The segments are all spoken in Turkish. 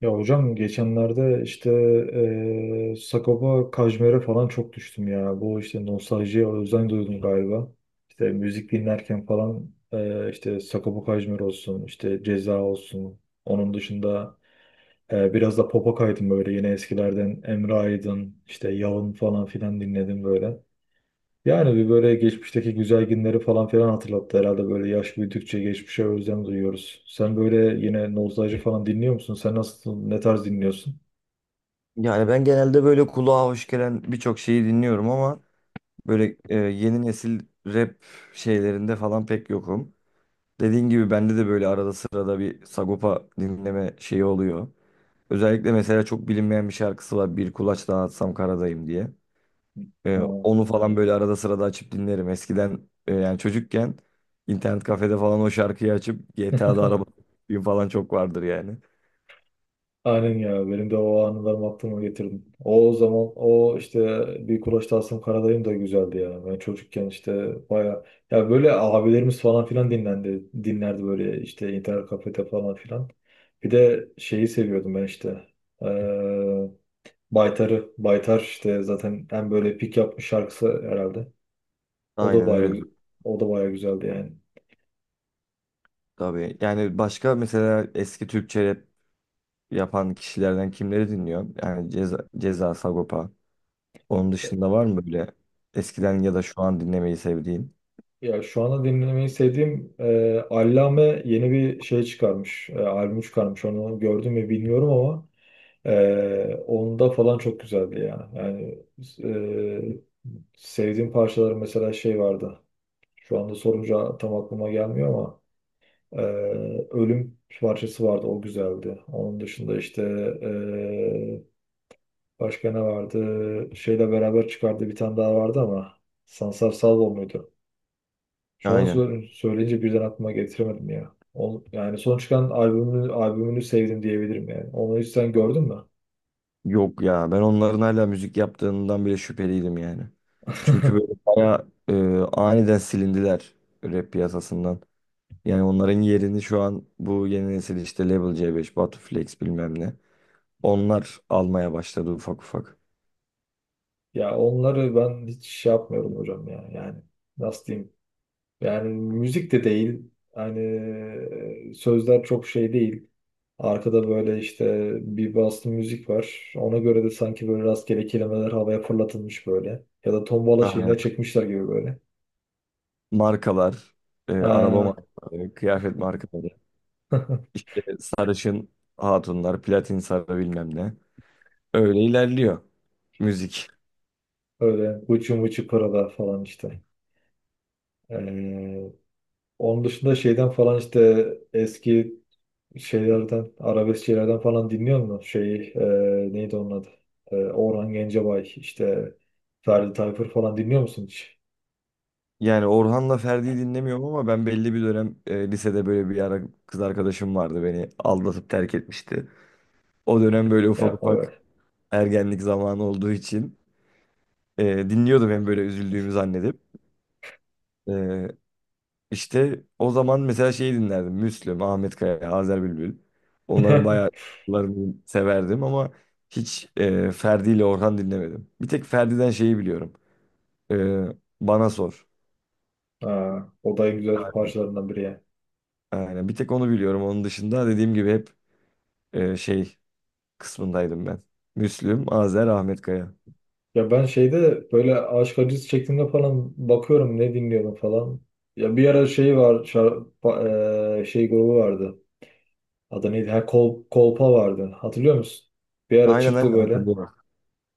Ya hocam geçenlerde işte Sagopa Kajmer'e falan çok düştüm ya. Bu işte nostaljiye özlem duydum galiba. İşte müzik dinlerken falan işte Sagopa Kajmer olsun, işte Ceza olsun. Onun dışında biraz da pop'a kaydım böyle, yine eskilerden Emre Aydın, işte Yalın falan filan dinledim böyle. Yani bir böyle geçmişteki güzel günleri falan filan hatırlattı herhalde, böyle yaş büyüdükçe geçmişe özlem duyuyoruz. Sen böyle yine nostalji falan dinliyor musun? Sen nasıl, ne tarz dinliyorsun? Yani ben genelde böyle kulağa hoş gelen birçok şeyi dinliyorum ama böyle yeni nesil rap şeylerinde falan pek yokum. Dediğin gibi bende de böyle arada sırada bir Sagopa dinleme şeyi oluyor. Özellikle mesela çok bilinmeyen bir şarkısı var. Bir kulaç daha atsam karadayım diye. E, Ha, onu falan böyle arada sırada açıp dinlerim. Eskiden yani çocukken internet kafede falan o şarkıyı açıp GTA'da araba falan çok vardır yani. aynen ya, benim de o anılarımı aklıma getirdim. O zaman, o işte bir Kulaç Tasım Karadayım da güzeldi ya. Ben çocukken işte baya, ya böyle abilerimiz falan filan dinlendi dinlerdi böyle işte internet kafede falan filan. Bir de şeyi seviyordum ben işte. Ee, Baytar'ı. Baytar işte zaten en böyle pik yapmış şarkısı herhalde. O da Aynen öyle. baya o da baya güzeldi yani. Tabii. Yani başka mesela eski Türkçe rap yapan kişilerden kimleri dinliyor? Yani Ceza, Sagopa. Onun dışında var mı böyle eskiden ya da şu an dinlemeyi sevdiğin? Ya şu anda dinlemeyi sevdiğim, Allame yeni bir şey çıkarmış. Albüm çıkarmış. Onu gördüm mü bilmiyorum ama onda falan çok güzeldi ya. Yani e, sevdiğim parçaları, mesela şey vardı. Şu anda sorunca tam aklıma gelmiyor ama e, Ölüm parçası vardı. O güzeldi. Onun dışında işte e, başka ne vardı? Şeyle beraber çıkardığı bir tane daha vardı ama Sansar Salvo muydu? Şu an Aynen. Söyleyince birden aklıma getiremedim ya. Yani son çıkan albümünü sevdim diyebilirim yani. Onu hiç sen gördün mü? Yok ya ben onların hala müzik yaptığından bile şüpheliydim yani. Çünkü böyle bayağı aniden silindiler rap piyasasından. Yani onların yerini şu an bu yeni nesil işte Level C5, Batu Flex bilmem ne. Onlar almaya başladı ufak ufak. Ya onları ben hiç şey yapmıyorum hocam ya. Yani nasıl diyeyim? Yani müzik de değil. Yani sözler çok şey değil. Arkada böyle işte bir bastı müzik var. Ona göre de sanki böyle rastgele kelimeler havaya fırlatılmış böyle. Ya da tombala şeyine çekmişler gibi böyle. Markalar, araba Aa, markaları, kıyafet markaları, işte sarışın hatunlar, platin sarı bilmem ne. Öyle ilerliyor müzik. öyle uçu muçu pırada falan işte. Ee, Onun dışında şeyden falan işte eski şeylerden, arabesk şeylerden falan dinliyor musun? Şey, neydi onun adı? Orhan Gencebay, işte Ferdi Tayfur falan dinliyor musun hiç? Yani Orhan'la Ferdi'yi dinlemiyorum ama ben belli bir dönem lisede böyle bir ara kız arkadaşım vardı beni aldatıp terk etmişti. O dönem böyle ufak Yapma ufak be. ergenlik zamanı olduğu için dinliyordum hem böyle üzüldüğümü zannedip. E, İşte o zaman mesela şeyi dinlerdim. Müslüm, Ahmet Kaya, Azer Bülbül. Onların bayağı şarkılarını severdim ama hiç Ferdi ile Orhan dinlemedim. Bir tek Ferdi'den şeyi biliyorum. E, Bana Sor. Ha, o da en güzel parçalarından biri yani. Aynen. Bir tek onu biliyorum. Onun dışında dediğim gibi hep şey kısmındaydım ben. Müslüm, Azer, Ahmet Kaya. Ya ben şeyde böyle aşk acısı çektiğimde falan bakıyorum ne dinliyorum falan. Ya bir ara şey var, şey grubu vardı. Adı neydi? Ha, Kolpa vardı. Hatırlıyor musun? Bir ara Aynen, aynen, çıktı böyle. hatırlıyorum.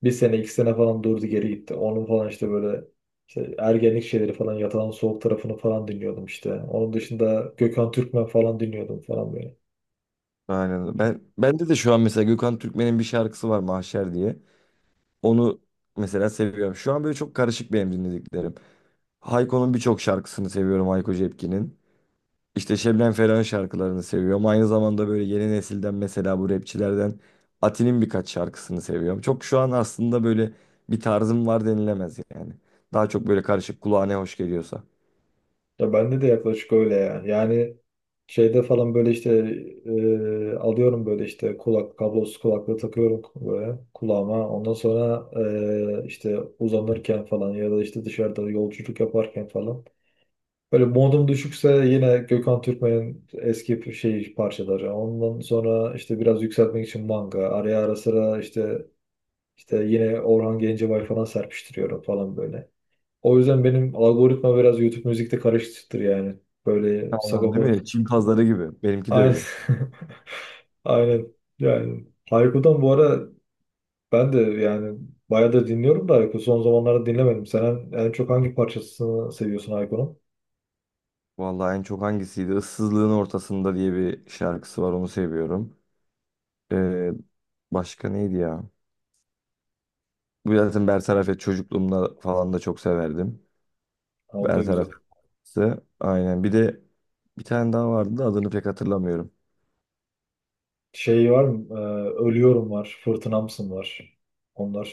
Bir sene iki sene falan durdu, geri gitti. Onun falan işte böyle işte ergenlik şeyleri falan, Yatan Soğuk tarafını falan dinliyordum işte. Onun dışında Gökhan Türkmen falan dinliyordum falan böyle. Aynen. Bende de şu an mesela Gökhan Türkmen'in bir şarkısı var Mahşer diye. Onu mesela seviyorum. Şu an böyle çok karışık benim dinlediklerim. Hayko'nun birçok şarkısını seviyorum Hayko Cepkin'in. İşte Şebnem Ferah'ın şarkılarını seviyorum. Aynı zamanda böyle yeni nesilden mesela bu rapçilerden Ati'nin birkaç şarkısını seviyorum. Çok şu an aslında böyle bir tarzım var denilemez yani. Daha çok böyle karışık kulağa ne hoş geliyorsa. Ya bende de yaklaşık öyle ya. Yani şeyde falan böyle işte alıyorum, böyle işte kulak kablosuz kulaklığı takıyorum böyle kulağıma. Ondan sonra işte uzanırken falan ya da işte dışarıda yolculuk yaparken falan, böyle modum düşükse yine Gökhan Türkmen'in eski şey parçaları. Ondan sonra işte biraz yükseltmek için manga. Araya ara sıra işte yine Orhan Gencebay falan serpiştiriyorum falan böyle. O yüzden benim algoritma biraz YouTube müzikte karışıktır yani. Böyle Tamam, değil sagopa. mi? Çin pazarı gibi. Benimki de Aynen. öyle. Aynen. Yani Hayko'dan bu ara ben de yani bayağı da dinliyorum da Hayko son zamanlarda dinlemedim. Sen en çok hangi parçasını seviyorsun Hayko'nun? Vallahi en çok hangisiydi? Issızlığın ortasında diye bir şarkısı var onu seviyorum. Ee, başka neydi ya? Bu zaten Bertaraf et çocukluğumda falan da çok severdim. Ha, o da Bertaraf güzel. Fırtınası. Aynen. Bir de bir tane daha vardı da adını pek hatırlamıyorum. Şey var mı? Ölüyorum var. Fırtınamsın var.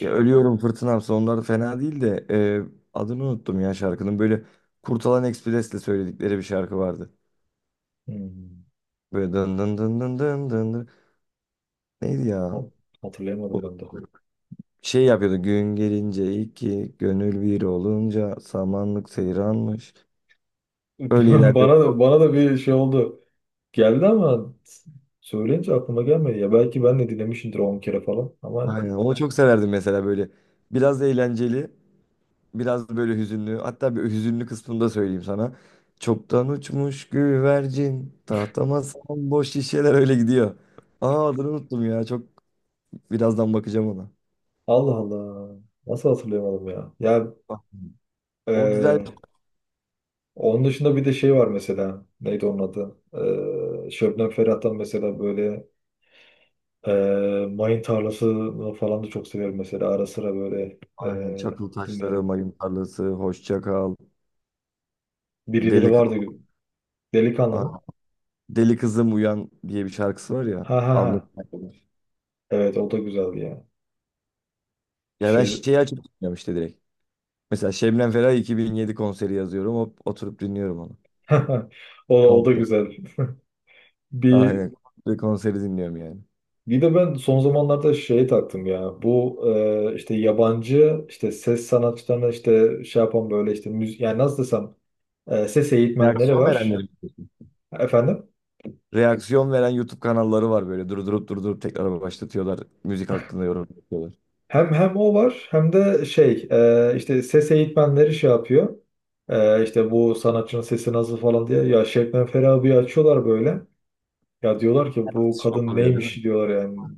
Ya Ölüyorum Fırtınamsa onlar fena değil de adını unuttum ya şarkının. Böyle Kurtalan Ekspres'le söyledikleri bir şarkı vardı. Hmm. Böyle dın dın dın dın dın dın dın. Neydi ya? hat- O Hatırlayamadım ben de. şey yapıyordu. Gün gelince iki, gönül bir olunca samanlık seyranmış. Öyle ilerliyor. Bana da, bir şey oldu. Geldi ama söyleyince aklıma gelmedi ya. Belki ben de dinlemişimdir 10 kere falan. Ama Aynen. Onu çok severdim mesela böyle. Biraz eğlenceli. Biraz böyle hüzünlü. Hatta bir hüzünlü kısmını da söyleyeyim sana. Çoktan uçmuş güvercin. Tahtama sağan boş şişeler öyle gidiyor. Aa, adını unuttum ya. Çok birazdan bakacağım ona. Allah Allah, nasıl hatırlayamadım ya? Ya Bak, o güzel. e, onun dışında bir de şey var mesela. Neydi onun adı? Şebnem Ferah'tan mesela böyle e, Mayın Tarlası falan da çok severim mesela. Ara sıra böyle Aynen. Çakıl taşları, dinlerim. mayın tarlası, hoşça kal. Birileri Deli, kız- vardı. Delikanlı mı? Aa, deli kızım uyan diye bir şarkısı var ya. Ha ha ha. Abla. Evet, o da güzeldi ya. Ya ben Şey şeyi açıp dinliyorum işte direkt. Mesela Şebnem Ferah 2007 konseri yazıyorum. Hop, oturup dinliyorum onu. o, o da Komple. güzel. Bir Aynen. Bir konseri dinliyorum yani. bir de ben son zamanlarda şey taktım ya. Bu işte yabancı işte ses sanatçılarına işte şey yapan böyle işte müzik, yani nasıl desem, ses eğitmenleri Reaksiyon var. verenlerim. Efendim? Reaksiyon veren YouTube kanalları var böyle durdurup durdurup tekrar başlatıyorlar. Müzik hakkında yorum yapıyorlar. Hem o var, hem de şey, işte ses eğitmenleri şey yapıyor. İşte bu sanatçının sesi nasıl falan diye ya, Şebnem Ferah'ı bir açıyorlar böyle. Ya diyorlar ki bu Şok kadın oluyor değil neymiş, mi? diyorlar yani.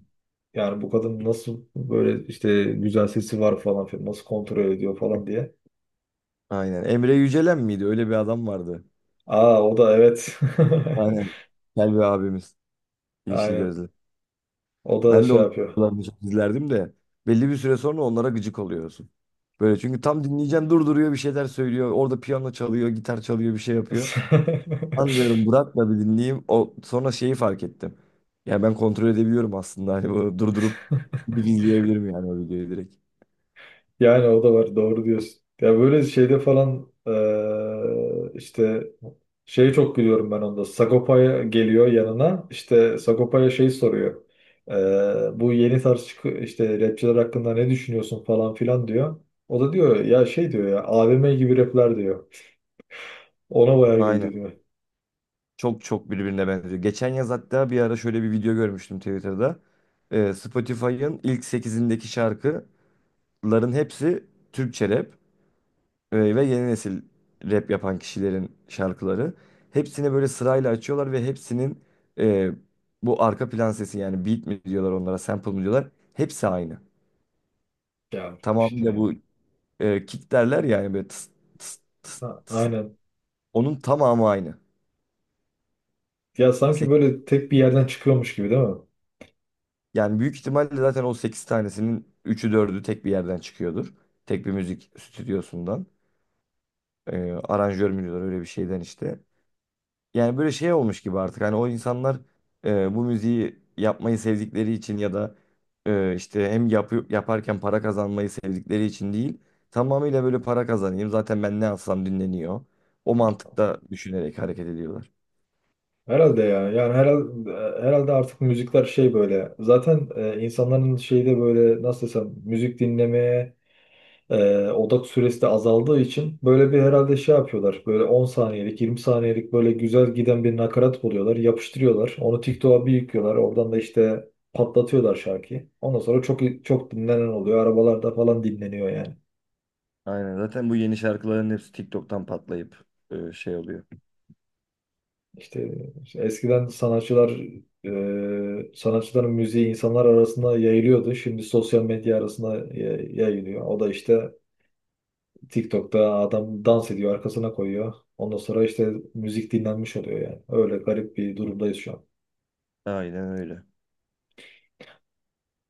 Yani bu kadın nasıl böyle işte güzel sesi var falan filan, nasıl kontrol ediyor falan diye. Aynen. Emre Yücelen miydi? Öyle bir adam vardı. Aa, o da evet. Aynen. Selvi abimiz. Yeşil Aynen. gözlü. O da Ben de şey onun yapıyor. videolarını çok izlerdim de belli bir süre sonra onlara gıcık oluyorsun. Böyle çünkü tam dinleyeceğim durduruyor bir şeyler söylüyor. Orada piyano çalıyor, gitar çalıyor, bir şey yapıyor. Anlıyorum bırak da bir dinleyeyim. O sonra şeyi fark ettim. Ya ben kontrol edebiliyorum aslında. Hani bunu durdurup izleyebilirim yani o videoyu direkt. Yani o da var, doğru diyorsun. Ya böyle şeyde falan işte şeyi çok gülüyorum ben onda. Sagopa'ya geliyor yanına. İşte Sagopa'ya şey soruyor. Bu yeni tarz işte rapçiler hakkında ne düşünüyorsun falan filan diyor. O da diyor ya şey diyor ya, AVM gibi rapler diyor. Ona bayağı Aynen. güldü diyor. Çok çok birbirine benziyor. Geçen yaz hatta bir ara şöyle bir video görmüştüm Twitter'da. Spotify'ın ilk sekizindeki şarkıların hepsi Türkçe rap ve yeni nesil rap yapan kişilerin şarkıları. Hepsini böyle sırayla açıyorlar ve hepsinin e, bu arka plan sesi yani beat mi diyorlar onlara, sample mı diyorlar. Hepsi aynı. Ya Tamamıyla işte, bu kick derler yani böyle tıs tıs tıs ha, tıs. aynen. Onun tamamı aynı. Ya sanki böyle tek bir yerden çıkıyormuş gibi değil mi? Yani büyük ihtimalle zaten o 8 tanesinin üçü dördü tek bir yerden çıkıyordur. Tek bir müzik stüdyosundan. Aranjör mü diyorlar öyle bir şeyden işte. Yani böyle şey olmuş gibi artık. Hani o insanlar bu müziği yapmayı sevdikleri için ya da işte hem yaparken para kazanmayı sevdikleri için değil. Tamamıyla böyle para kazanayım. Zaten ben ne alsam dinleniyor. O mantıkta düşünerek hareket ediyorlar. Herhalde ya. Yani herhalde artık müzikler şey böyle. Zaten insanların şeyde böyle nasıl desem müzik dinlemeye odak süresi de azaldığı için böyle bir herhalde şey yapıyorlar. Böyle 10 saniyelik, 20 saniyelik böyle güzel giden bir nakarat buluyorlar. Yapıştırıyorlar. Onu TikTok'a bir yüklüyorlar. Oradan da işte patlatıyorlar şarkıyı. Ondan sonra çok çok dinlenen oluyor. Arabalarda falan dinleniyor yani. Aynen zaten bu yeni şarkıların hepsi TikTok'tan patlayıp şey oluyor. İşte, işte, eskiden sanatçılar, sanatçıların müziği insanlar arasında yayılıyordu. Şimdi sosyal medya arasında yayılıyor. O da işte TikTok'ta adam dans ediyor, arkasına koyuyor. Ondan sonra işte müzik dinlenmiş oluyor yani. Öyle garip bir durumdayız şu an. Aynen öyle.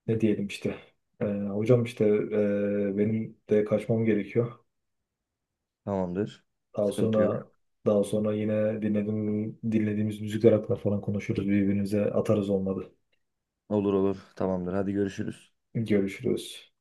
Ne diyelim işte. Hocam işte benim de kaçmam gerekiyor. Tamamdır. Daha Sıkıntı yok. sonra daha sonra yine dinlediğimiz müzikler hakkında falan konuşuruz. Birbirimize atarız olmadı. Olur olur. Tamamdır. Hadi görüşürüz. Görüşürüz.